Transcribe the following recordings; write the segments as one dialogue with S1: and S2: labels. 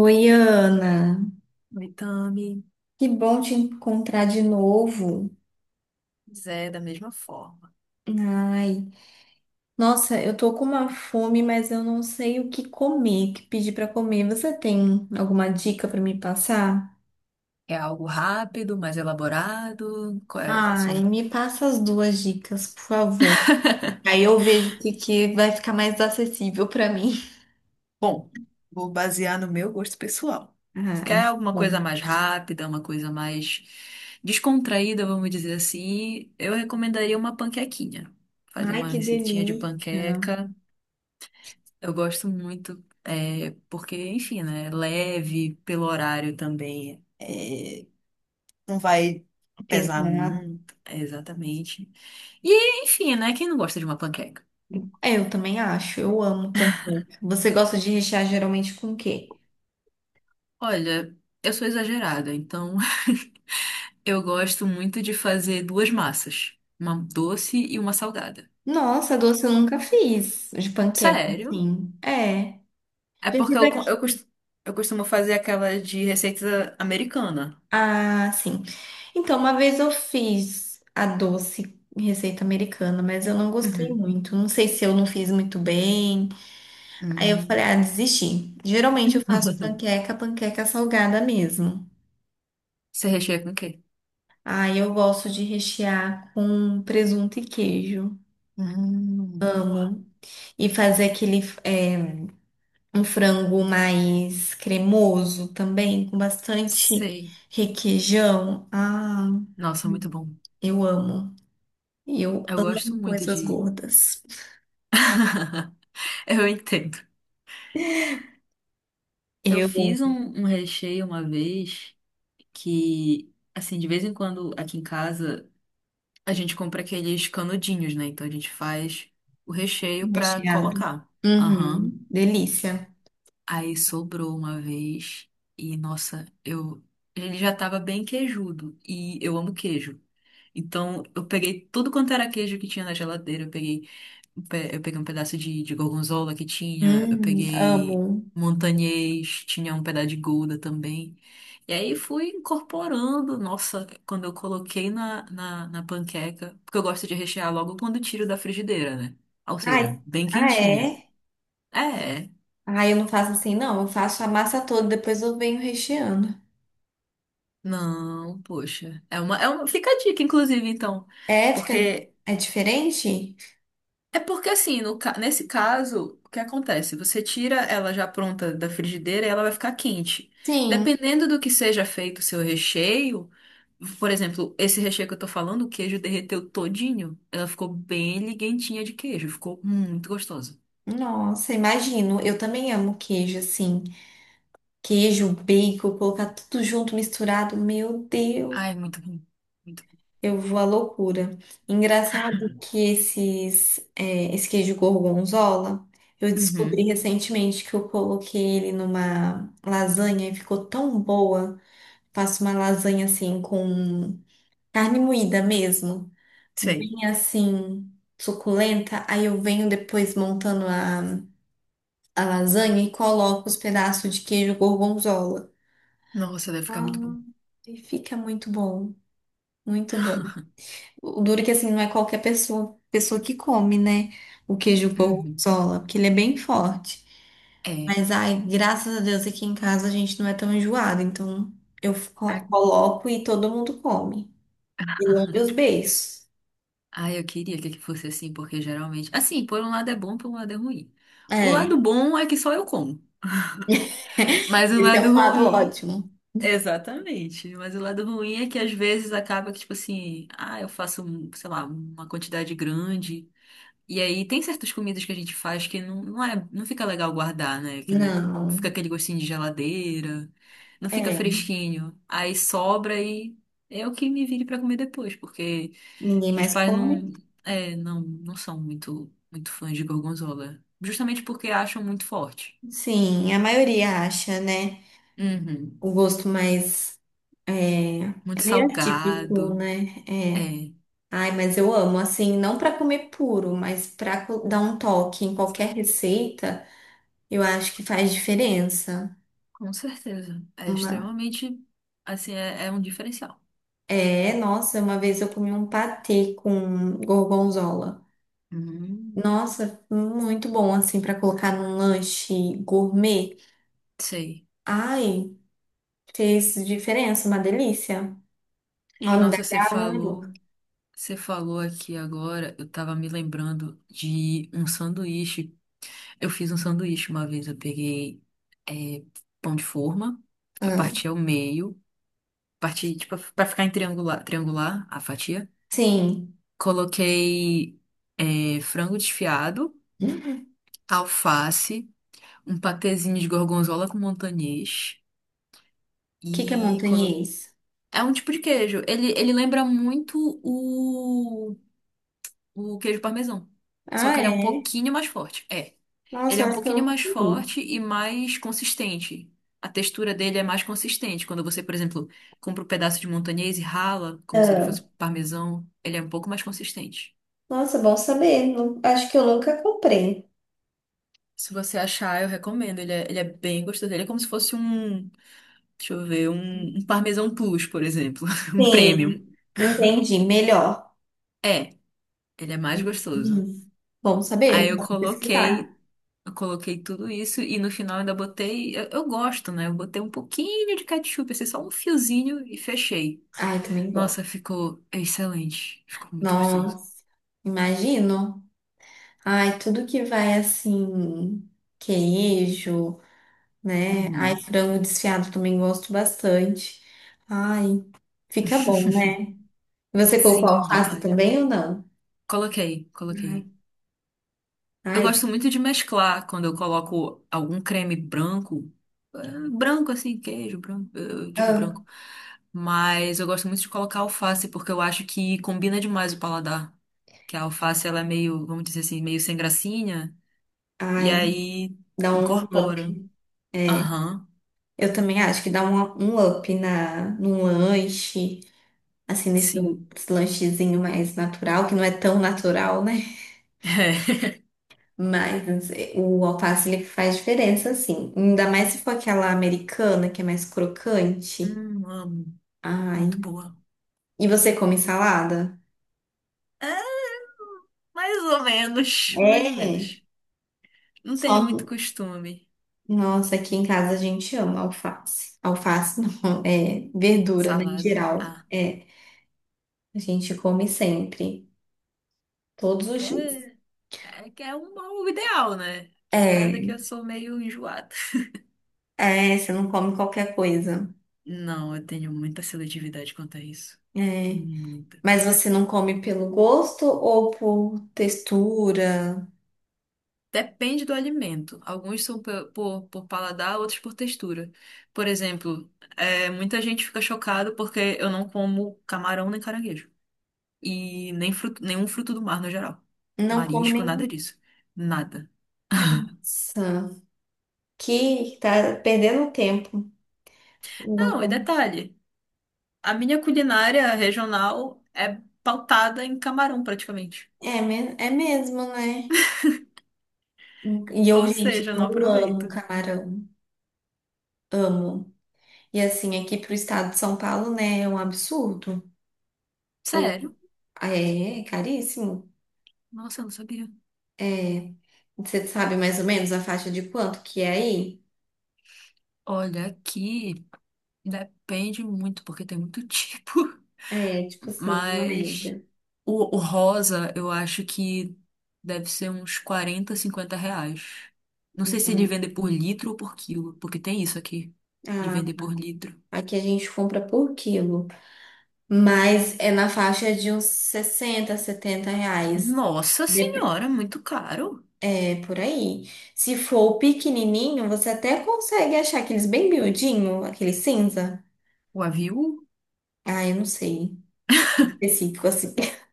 S1: Oi, Ana.
S2: Mitame,
S1: Que bom te encontrar de novo.
S2: pois é da mesma forma.
S1: Ai, nossa, eu tô com uma fome, mas eu não sei o que comer, o que pedir pra comer. Você tem alguma dica pra me passar?
S2: É algo rápido, mais elaborado. Qual é?
S1: Ai, me passa as duas dicas, por favor. Aí eu vejo o que que vai ficar mais acessível pra mim.
S2: Bom, vou basear no meu gosto pessoal. Quer
S1: Ai,
S2: alguma coisa
S1: bom.
S2: mais rápida, uma coisa mais descontraída, vamos dizer assim, eu recomendaria uma panquequinha. Fazer
S1: Ai,
S2: uma
S1: que
S2: receitinha de
S1: delícia.
S2: panqueca. Eu gosto muito, é, porque, enfim, né? Leve pelo horário também. Não vai pesar
S1: Pesado.
S2: muito. É, exatamente. E, enfim, né? Quem não gosta de uma panqueca?
S1: É, eu também acho. Eu amo panqueca. Você gosta de rechear geralmente com o quê?
S2: Olha, eu sou exagerada, então eu gosto muito de fazer duas massas, uma doce e uma salgada.
S1: Nossa, doce eu nunca fiz de panqueca,
S2: Sério?
S1: assim. É.
S2: É
S1: Já
S2: porque
S1: tive
S2: eu, co-
S1: aqui.
S2: eu, cos- eu costumo fazer aquela de receita americana.
S1: Ah, sim. Então, uma vez eu fiz a doce em receita americana, mas eu não gostei
S2: Uhum.
S1: muito. Não sei se eu não fiz muito bem. Aí eu falei,
S2: Hum.
S1: ah, desisti. Geralmente eu faço panqueca, panqueca salgada mesmo.
S2: Você recheia com o quê?
S1: Aí eu gosto de rechear com presunto e queijo.
S2: Hum. Boa.
S1: E fazer aquele, é, um frango mais cremoso também, com bastante
S2: Sei.
S1: requeijão. Ah,
S2: Nossa, muito bom.
S1: eu amo. Eu
S2: Eu gosto
S1: amo
S2: muito
S1: coisas
S2: de.
S1: gordas.
S2: Eu entendo. Eu
S1: Eu
S2: fiz um, um recheio uma vez que, assim, de vez em quando aqui em casa a gente compra aqueles canudinhos, né? Então a gente faz o recheio pra
S1: recheado.
S2: colocar. Aham.
S1: Uhum, delícia.
S2: Aí sobrou uma vez e, nossa, eu. Ele já tava bem queijudo e eu amo queijo. Então eu peguei tudo quanto era queijo que tinha na geladeira. Eu peguei um pe- Eu peguei um pedaço de gorgonzola que tinha, eu
S1: Amo.
S2: peguei montanhês, tinha um pedaço de gouda também. E aí fui incorporando, nossa, quando eu coloquei na panqueca, porque eu gosto de rechear logo quando tiro da frigideira, né? Ou
S1: Ai,
S2: seja, bem
S1: ah,
S2: quentinha.
S1: é?
S2: É, é.
S1: Ah, eu não faço assim, não. Eu faço a massa toda, depois eu venho recheando.
S2: Não, poxa. Fica a dica, inclusive, então.
S1: É, fica,
S2: Porque
S1: é diferente?
S2: É porque assim, no ca- nesse caso, o que acontece? Você tira ela já pronta da frigideira e ela vai ficar quente.
S1: Sim.
S2: Dependendo do que seja feito o seu recheio, por exemplo, esse recheio que eu tô falando, o queijo derreteu todinho. Ela ficou bem liguentinha de queijo, ficou muito gostosa.
S1: Nossa, imagino. Eu também amo queijo, assim. Queijo, bacon, colocar tudo junto, misturado. Meu Deus,
S2: Ai, muito bom. Muito
S1: eu vou à loucura. Engraçado que esse queijo gorgonzola, eu
S2: bom.
S1: descobri
S2: Uhum,
S1: recentemente que eu coloquei ele numa lasanha e ficou tão boa. Faço uma lasanha assim com carne moída mesmo,
S2: sei.
S1: bem assim suculenta. Aí eu venho depois montando a lasanha e coloco os pedaços de queijo gorgonzola.
S2: Nossa, deve ficar
S1: Ah,
S2: muito bom.
S1: e fica muito bom, muito bom. O duro é que assim não é qualquer pessoa, pessoa que come, né? O queijo
S2: Uhum,
S1: gorgonzola, porque ele é bem forte.
S2: é.
S1: Mas ai, graças a Deus aqui em casa a gente não é tão enjoado, então eu
S2: A-
S1: coloco e todo mundo come. E lambe os beiços.
S2: Ah, eu queria que fosse assim, porque geralmente. Assim, por um lado é bom, por um lado é ruim. O
S1: É,
S2: lado bom é que só eu como. Mas o
S1: esse é um
S2: lado
S1: lado
S2: ruim.
S1: ótimo.
S2: Exatamente. Mas o lado ruim é que às vezes acaba que, tipo assim, ah, eu faço, um, sei lá, uma quantidade grande. E aí tem certas comidas que a gente faz que não, não é, não fica legal guardar, né? Que, né,
S1: Não,
S2: fica aquele gostinho de geladeira, não fica
S1: é,
S2: fresquinho. Aí sobra e é o que me vire pra comer depois, porque
S1: ninguém
S2: meus
S1: mais
S2: pais
S1: come.
S2: não, é, não são muito, muito fãs de gorgonzola. Justamente porque acham muito forte.
S1: Sim, a maioria acha, né?
S2: Uhum.
S1: O gosto mais É,
S2: Muito
S1: é meio atípico,
S2: salgado.
S1: né? É.
S2: É,
S1: Ai, mas eu amo, assim, não para comer puro, mas para dar um toque em qualquer receita, eu acho que faz diferença.
S2: com certeza. É
S1: Uma...
S2: extremamente, assim, é um diferencial.
S1: É, nossa, uma vez eu comi um patê com gorgonzola.
S2: Hum,
S1: Nossa, muito bom, assim, para colocar num lanche gourmet.
S2: sei.
S1: Ai, fez diferença, uma delícia. Olha, dá
S2: Nossa, você
S1: água na boca.
S2: falou, você falou aqui agora, eu tava me lembrando de um sanduíche. Eu fiz um sanduíche uma vez, eu peguei é, pão de forma, eu
S1: Ah,
S2: parti ao meio, parti, tipo, pra ficar em triangular, triangular a fatia.
S1: sim.
S2: Coloquei frango desfiado,
S1: O
S2: alface, um patezinho de gorgonzola com montanhês.
S1: que que é
S2: E colo-
S1: montanhês?
S2: é um tipo de queijo. Ele lembra muito o queijo parmesão. Só
S1: Ah,
S2: que ele é um
S1: é?
S2: pouquinho mais forte. É. Ele
S1: Nossa,
S2: é
S1: eu
S2: um
S1: acho que eu
S2: pouquinho
S1: nunca
S2: mais
S1: comi.
S2: forte e mais consistente. A textura dele é mais consistente. Quando você, por exemplo, compra um pedaço de montanhês e rala, como se ele fosse
S1: Ah,
S2: parmesão, ele é um pouco mais consistente.
S1: nossa, bom saber. Acho que eu nunca comprei.
S2: Se você achar, eu recomendo. Ele é bem gostoso. Ele é como se fosse um, deixa eu ver, um parmesão plus, por exemplo. Um premium.
S1: Sim, entendi. Melhor.
S2: É, ele é mais gostoso.
S1: Hum, Bom saber.
S2: Aí eu
S1: Vou pesquisar.
S2: coloquei, eu coloquei tudo isso e no final ainda botei, eu gosto, né? Eu botei um pouquinho de ketchup, assim, só um fiozinho e fechei.
S1: Ai, também gosto.
S2: Nossa, ficou excelente. Ficou muito gostoso.
S1: Nossa, imagino. Ai, tudo que vai assim, queijo, né? Ai,
S2: Uhum.
S1: frango desfiado também gosto bastante. Ai, fica bom, né? Você colocou
S2: Sim,
S1: alface
S2: demais.
S1: também ou não?
S2: Coloquei,
S1: Ai,
S2: coloquei. Eu
S1: ai,
S2: gosto muito de mesclar quando eu coloco algum creme branco, branco assim, queijo branco, eu digo
S1: ah,
S2: branco, mas eu gosto muito de colocar alface porque eu acho que combina demais o paladar, que a alface ela é meio, vamos dizer assim, meio sem gracinha e
S1: ai,
S2: aí
S1: dá um
S2: incorpora.
S1: up. É.
S2: Aham,
S1: Eu também acho que dá um up num lanche, assim, nesse
S2: sim.
S1: lanchezinho mais natural, que não é tão natural, né? Mas o alface, ele faz diferença, assim. Ainda mais se for aquela americana, que é mais
S2: É.
S1: crocante.
S2: Amo,
S1: Ai.
S2: muito boa.
S1: E você come salada?
S2: É, mais ou menos, mais ou
S1: É.
S2: menos. Não tenho muito
S1: Só...
S2: costume.
S1: Nossa, aqui em casa a gente ama alface. Alface não, é verdura, né, em
S2: Salada.
S1: geral.
S2: Ah,
S1: É, a gente come sempre, todos os dias.
S2: é. É que é um bom ideal, né? Caso é que
S1: É.
S2: eu sou meio enjoada.
S1: É, você não come qualquer coisa.
S2: Não, eu tenho muita seletividade quanto a isso.
S1: É.
S2: Muita.
S1: Mas você não come pelo gosto ou por textura?
S2: Depende do alimento. Alguns são por paladar, outros por textura. Por exemplo, muita gente fica chocada porque eu não como camarão nem caranguejo. E nem fruto, nenhum fruto do mar no geral.
S1: Não come
S2: Marisco, nada
S1: nenhum.
S2: disso. Nada.
S1: Nossa, que tá perdendo tempo. Não
S2: Não, e
S1: come.
S2: detalhe, a minha culinária regional é pautada em camarão praticamente.
S1: É, é mesmo, né? E eu,
S2: Ou
S1: gente,
S2: seja, eu não
S1: eu amo
S2: aproveito.
S1: camarão. Amo. E assim, aqui pro estado de São Paulo, né, é um absurdo. O-
S2: Sério?
S1: É, é caríssimo.
S2: Nossa, eu não sabia.
S1: É. Você sabe mais ou menos a faixa de quanto que é aí?
S2: Olha, aqui depende muito, porque tem muito tipo.
S1: É, tipo assim, uma
S2: Mas
S1: média.
S2: o rosa, eu acho que deve ser uns 40, 50 reais. Não sei se ele
S1: Uhum.
S2: vende por litro ou por quilo, porque tem isso aqui, de
S1: Ah,
S2: vender por litro.
S1: aqui a gente compra por quilo, mas é na faixa de uns 60, 70 reais.
S2: Nossa
S1: Dep-
S2: senhora, muito caro.
S1: É por aí. Se for o pequenininho, você até consegue achar aqueles bem miudinho, aquele cinza.
S2: O avião?
S1: Ah, eu não sei. Específico assim.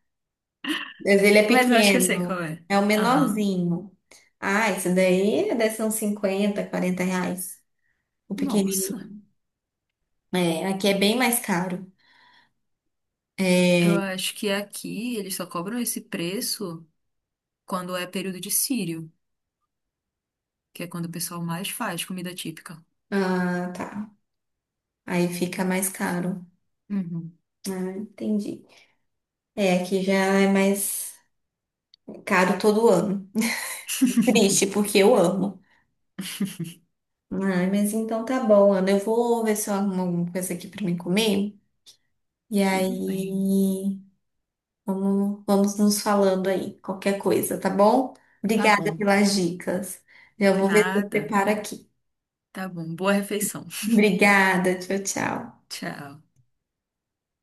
S1: Mas ele é
S2: Mas eu acho que eu sei qual
S1: pequeno,
S2: é.
S1: é o
S2: Aham.
S1: menorzinho. Ah, esse daí deve ser uns 50, 40 reais. O
S2: Nossa,
S1: pequenininho. É, aqui é bem mais caro.
S2: eu acho que aqui eles só cobram esse preço. Quando é período de sírio, que é quando o pessoal mais faz comida típica.
S1: Ah, tá. Aí fica mais caro.
S2: Uhum.
S1: Ah, entendi. É, aqui já é mais caro todo ano. Triste, porque eu amo. Ai, mas então tá bom, Ana. Eu vou ver se eu arrumo alguma coisa aqui pra mim comer. E
S2: Tudo bem.
S1: aí, vamos nos falando aí, qualquer coisa, tá bom?
S2: Tá
S1: Obrigada
S2: bom.
S1: pelas dicas. Já vou ver se eu
S2: Nada.
S1: preparo aqui.
S2: Tá bom. Boa refeição.
S1: Obrigada, tchau, tchau.
S2: Tchau.